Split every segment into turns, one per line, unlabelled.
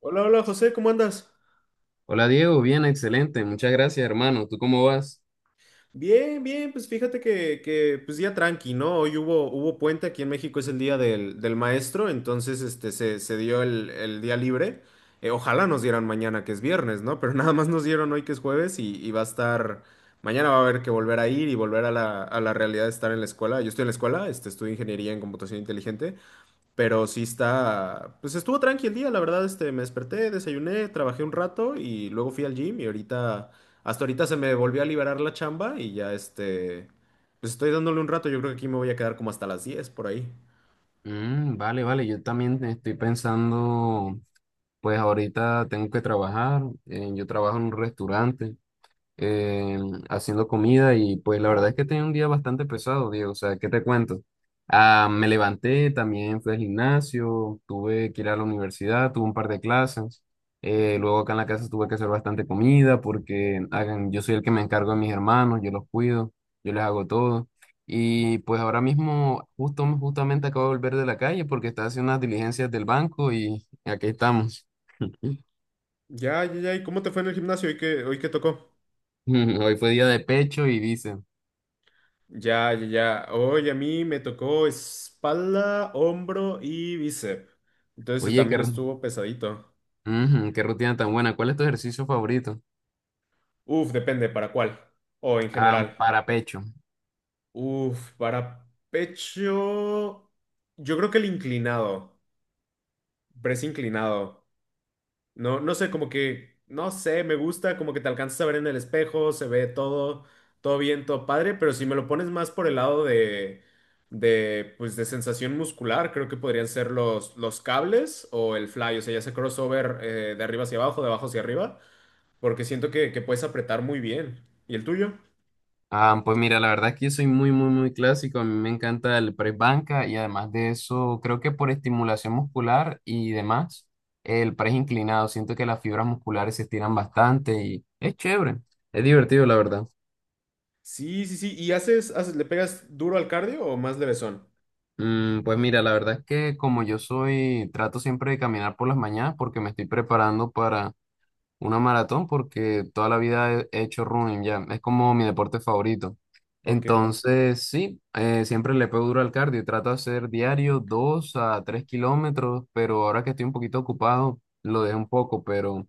Hola, hola José, ¿cómo andas?
Hola Diego, bien, excelente, muchas gracias hermano, ¿tú cómo vas?
Bien, bien, pues fíjate pues día tranqui, ¿no? Hoy hubo puente, aquí en México es el día del maestro, entonces se dio el día libre. Ojalá nos dieran mañana, que es viernes, ¿no? Pero nada más nos dieron hoy que es jueves y va a estar, mañana va a haber que volver a ir y volver a a la realidad de estar en la escuela. Yo estoy en la escuela, estudio ingeniería en computación inteligente. Pero sí está, pues estuvo tranqui el día, la verdad, me desperté, desayuné, trabajé un rato y luego fui al gym y ahorita, hasta ahorita se me volvió a liberar la chamba y ya pues estoy dándole un rato, yo creo que aquí me voy a quedar como hasta las diez por ahí.
Vale, vale, yo también estoy pensando, pues ahorita tengo que trabajar, yo trabajo en un restaurante, eh, haciendo comida y pues la verdad es que tenía un día bastante pesado, Diego. O sea, ¿qué te cuento? Me levanté, también fui al gimnasio, tuve que ir a la universidad, tuve un par de clases. Luego acá en la casa tuve que hacer bastante comida porque hagan, yo soy el que me encargo de mis hermanos, yo los cuido, yo les hago todo. Y pues ahora mismo justamente acabo de volver de la calle porque estaba haciendo unas diligencias del banco y aquí estamos.
Ya, ya, ya, ¿y cómo te fue en el gimnasio? ¿Hoy qué tocó?
Hoy fue día de pecho y dicen,
Ya, ya, ya, hoy a mí me tocó espalda, hombro y bíceps. Entonces
oye, qué.
también estuvo pesadito.
Ujú, qué rutina tan buena. ¿Cuál es tu ejercicio favorito?
Uf, depende, ¿para cuál? O en
Ah,
general.
para pecho.
Uf, para pecho, yo creo que el inclinado, press inclinado. No sé, como que, no sé, me gusta, como que te alcanzas a ver en el espejo, se ve todo, todo bien, todo padre, pero si me lo pones más por el lado pues, de sensación muscular, creo que podrían ser los cables o el fly, o sea, ya sea crossover de arriba hacia abajo, de abajo hacia arriba, porque siento que puedes apretar muy bien. ¿Y el tuyo?
Ah, pues mira, la verdad es que yo soy muy, muy, muy clásico. A mí me encanta el press banca y además de eso, creo que por estimulación muscular y demás, el press inclinado. Siento que las fibras musculares se estiran bastante y es chévere. Es divertido, la verdad.
Sí, sí, sí. ¿Y le pegas duro al cardio o más levesón?
Pues mira, la verdad es que como yo soy, trato siempre de caminar por las mañanas porque me estoy preparando para una maratón, porque toda la vida he hecho running ya, es como mi deporte favorito.
Ok.
Entonces, sí, siempre le pego duro al cardio y trato de hacer diario 2 a 3 kilómetros, pero ahora que estoy un poquito ocupado, lo dejo un poco, pero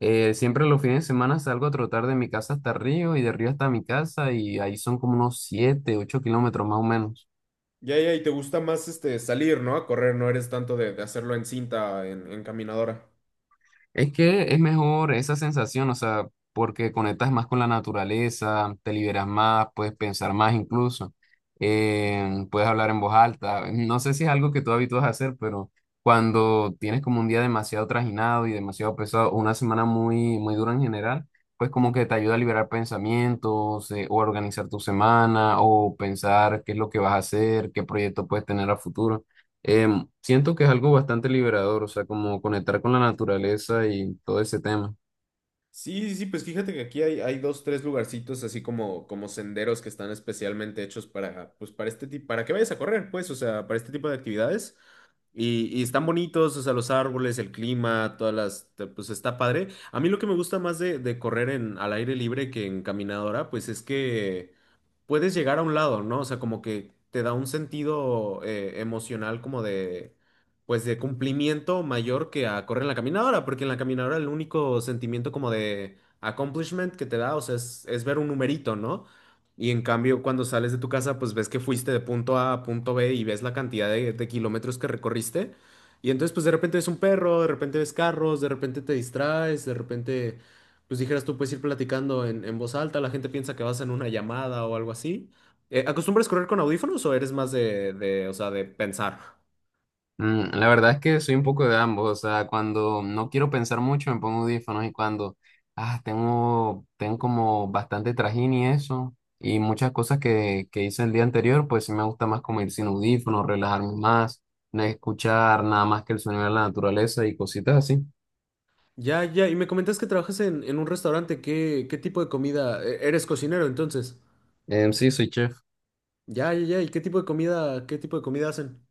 siempre los fines de semana salgo a trotar de mi casa hasta Río y de Río hasta mi casa y ahí son como unos 7, 8 kilómetros más o menos.
Ya, ya, y te gusta más este salir, ¿no? A correr, no eres tanto de hacerlo en cinta, en caminadora.
Es que es mejor esa sensación, o sea, porque conectas más con la naturaleza, te liberas más, puedes pensar más incluso, puedes hablar en voz alta. No sé si es algo que tú habitúas a hacer, pero cuando tienes como un día demasiado trajinado y demasiado pesado, o una semana muy, muy dura en general, pues como que te ayuda a liberar pensamientos, o a organizar tu semana, o pensar qué es lo que vas a hacer, qué proyecto puedes tener a futuro. Siento que es algo bastante liberador, o sea, como conectar con la naturaleza y todo ese tema.
Sí, sí, sí, pues fíjate que aquí hay dos, tres lugarcitos así como, como senderos que están especialmente hechos para, pues para este tipo, para que vayas a correr, pues, o sea, para este tipo de actividades. Y están bonitos, o sea, los árboles, el clima, todas las, te- pues está padre. A mí lo que me gusta más de correr en, al aire libre que en caminadora, pues es que puedes llegar a un lado, ¿no? O sea, como que te da un sentido emocional como de, pues de cumplimiento mayor que a correr en la caminadora, porque en la caminadora el único sentimiento como de accomplishment que te da, o sea, es ver un numerito, ¿no? Y en cambio, cuando sales de tu casa, pues ves que fuiste de punto A a punto B y ves la cantidad de kilómetros que recorriste. Y entonces, pues de repente ves un perro, de repente ves carros, de repente te distraes, de repente pues dijeras tú, puedes ir platicando en voz alta, la gente piensa que vas en una llamada o algo así. ¿Acostumbras correr con audífonos o eres más o sea, de pensar?
La verdad es que soy un poco de ambos, o sea, cuando no quiero pensar mucho me pongo audífonos y cuando, tengo como bastante trajín y eso, y muchas cosas que hice el día anterior, pues sí me gusta más como ir sin audífonos, relajarme más, no escuchar nada más que el sonido de la naturaleza y cositas así.
Ya, ya, y me comentas que trabajas en un restaurante, ¿qué, qué tipo de comida? E- ¿Eres cocinero, entonces?
Sí, soy chef.
Ya, ya, ya, ¿y qué tipo de comida, qué tipo de comida hacen?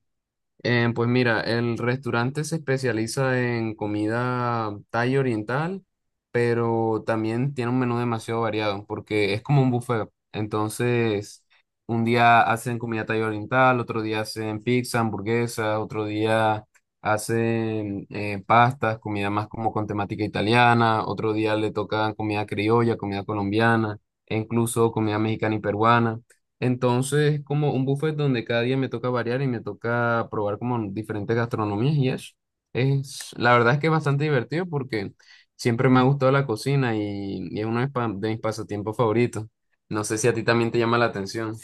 Pues mira, el restaurante se especializa en comida thai oriental, pero también tiene un menú demasiado variado porque es como un buffet. Entonces, un día hacen comida thai oriental, otro día hacen pizza, hamburguesa, otro día hacen pastas, comida más como con temática italiana, otro día le tocan comida criolla, comida colombiana, e incluso comida mexicana y peruana. Entonces es como un buffet donde cada día me toca variar y me toca probar como diferentes gastronomías y eso. Es, la verdad es que es bastante divertido porque siempre me ha gustado la cocina y es uno de, de mis pasatiempos favoritos. No sé si a ti también te llama la atención.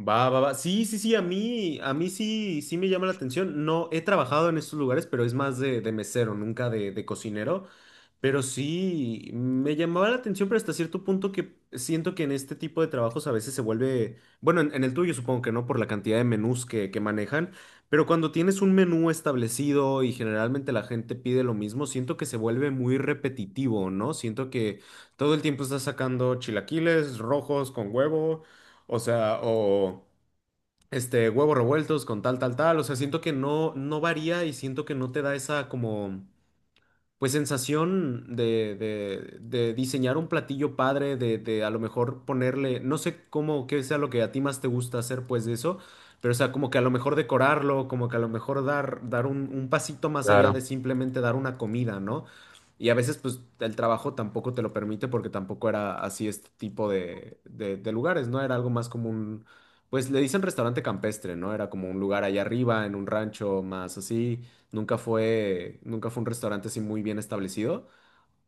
Va, va, va. Sí, sí, sí, a mí sí, sí me llama la atención. No, he trabajado en estos lugares, pero es más de mesero, nunca de cocinero. Pero sí, me llamaba la atención, pero hasta cierto punto que siento que en este tipo de trabajos a veces se vuelve, bueno, en el tuyo supongo que no, por la cantidad de menús que manejan, pero cuando tienes un menú establecido y generalmente la gente pide lo mismo, siento que se vuelve muy repetitivo, ¿no? Siento que todo el tiempo estás sacando chilaquiles rojos con huevo. O sea, o huevos revueltos con tal, tal, tal. O sea, siento que no, no varía y siento que no te da esa como pues sensación de diseñar un platillo padre, de a lo mejor ponerle, no sé cómo, qué sea lo que a ti más te gusta hacer pues de eso, pero o sea, como que a lo mejor decorarlo, como que a lo mejor dar, dar un pasito más allá de
Claro.
simplemente dar una comida, ¿no? Y a veces pues el trabajo tampoco te lo permite porque tampoco era así este tipo de lugares, ¿no? Era algo más como un, pues le dicen restaurante campestre, ¿no? Era como un lugar allá arriba, en un rancho más así. Nunca fue un restaurante así muy bien establecido,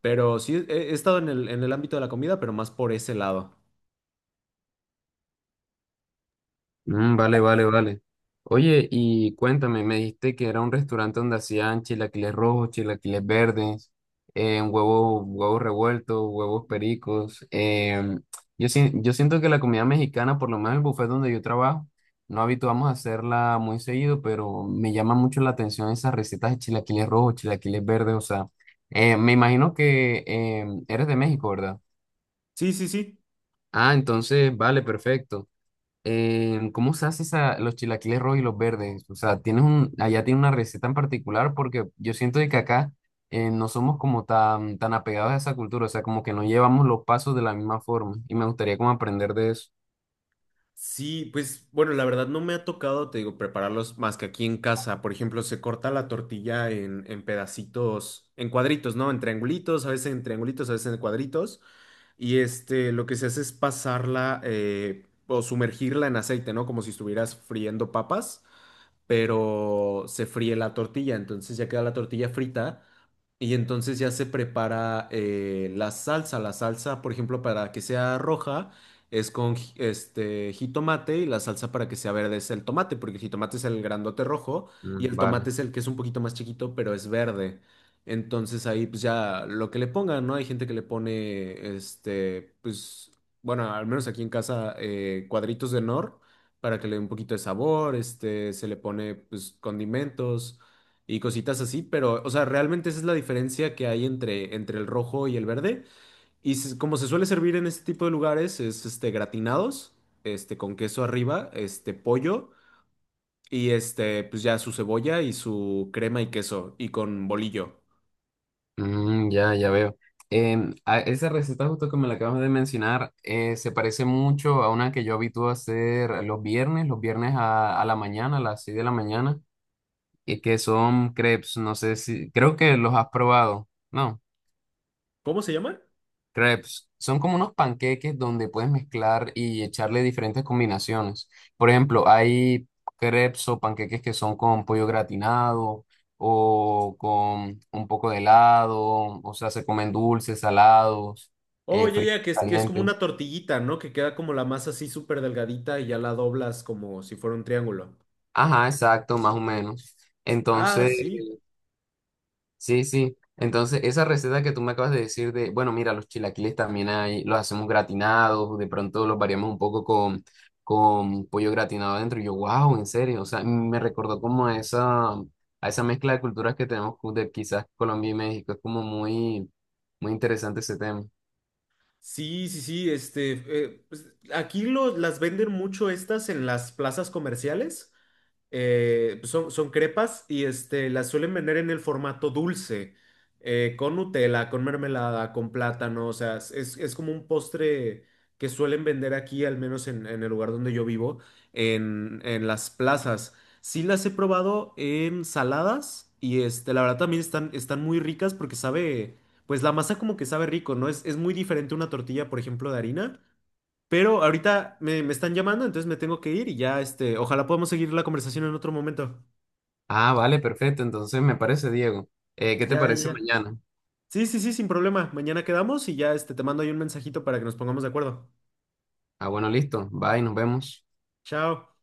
pero sí he estado en en el ámbito de la comida, pero más por ese lado.
Vale, vale, vale. Oye, y cuéntame, me dijiste que era un restaurante donde hacían chilaquiles rojos, chilaquiles verdes, huevos revueltos, huevos pericos. Yo siento que la comida mexicana, por lo menos el buffet donde yo trabajo, no habituamos a hacerla muy seguido, pero me llama mucho la atención esas recetas de chilaquiles rojos, chilaquiles verdes. O sea, me imagino que eres de México, ¿verdad?
Sí, sí, sí.
Ah, entonces, vale, perfecto. ¿Cómo se hace esa, los chilaquiles rojos y los verdes? O sea, tienes un, allá tiene una receta en particular porque yo siento de que acá no somos como tan, tan apegados a esa cultura, o sea, como que no llevamos los pasos de la misma forma y me gustaría como aprender de eso.
Sí, pues bueno, la verdad no me ha tocado, te digo, prepararlos más que aquí en casa. Por ejemplo, se corta la tortilla en pedacitos, en cuadritos, ¿no? En triangulitos, a veces en triangulitos, a veces en cuadritos. Y este, lo que se hace es pasarla o sumergirla en aceite, ¿no? Como si estuvieras friendo papas, pero se fríe la tortilla, entonces ya queda la tortilla frita y entonces ya se prepara la salsa. La salsa, por ejemplo, para que sea roja es con ji- este jitomate y la salsa para que sea verde es el tomate, porque el jitomate es el grandote rojo y el
Vale.
tomate es el que es un poquito más chiquito, pero es verde. Entonces ahí pues ya lo que le pongan, ¿no? Hay gente que le pone, este, pues, bueno, al menos aquí en casa, cuadritos de nor para que le dé un poquito de sabor, este, se le pone pues condimentos y cositas así, pero, o sea, realmente esa es la diferencia que hay entre, entre el rojo y el verde. Y se- como se suele servir en este tipo de lugares, es este gratinados, este con queso arriba, este pollo y este, pues ya su cebolla y su crema y queso y con bolillo.
Ya, ya veo. Esa receta justo que me la acabas de mencionar se parece mucho a una que yo habitúo a hacer los viernes a la mañana, a las 6 de la mañana, y que son crepes, no sé si, creo que los has probado, ¿no?
¿Cómo se llama?
Crepes son como unos panqueques donde puedes mezclar y echarle diferentes combinaciones. Por ejemplo, hay crepes o panqueques que son con pollo gratinado o con un poco de helado, o sea, se comen dulces, salados,
Oh, ya,
fritos,
ya, que es como
calientes.
una tortillita, ¿no? Que queda como la masa así súper delgadita y ya la doblas como si fuera un triángulo.
Ajá, exacto, más o menos.
Ah,
Entonces,
sí.
sí, sí. Entonces, esa receta que tú me acabas de decir de, bueno, mira, los chilaquiles también hay, los hacemos gratinados, de pronto los variamos un poco con pollo gratinado adentro. Y yo, wow, en serio. O sea, me recordó como a esa mezcla de culturas que tenemos de quizás Colombia y México. Es como muy, muy interesante ese tema.
Sí, sí, sí, pues, aquí lo- las venden mucho estas en las plazas comerciales. Pues, son crepas y este, las suelen vender en el formato dulce, con Nutella, con mermelada, con plátano, o sea, es como un postre que suelen vender aquí, al menos en el lugar donde yo vivo, en las plazas. Sí las he probado en saladas y este, la verdad también están, están muy ricas porque sabe, pues la masa como que sabe rico, ¿no? Es muy diferente una tortilla, por ejemplo, de harina. Pero me están llamando, entonces me tengo que ir y ya, este, ojalá podamos seguir la conversación en otro momento.
Ah, vale, perfecto. Entonces, me parece, Diego. ¿Qué te
Ya, ya,
parece
ya.
mañana?
Sí, sí, sí, sin problema. Mañana quedamos y ya, este, te mando ahí un mensajito para que nos pongamos de acuerdo.
Ah, bueno, listo. Bye, nos vemos.
Chao.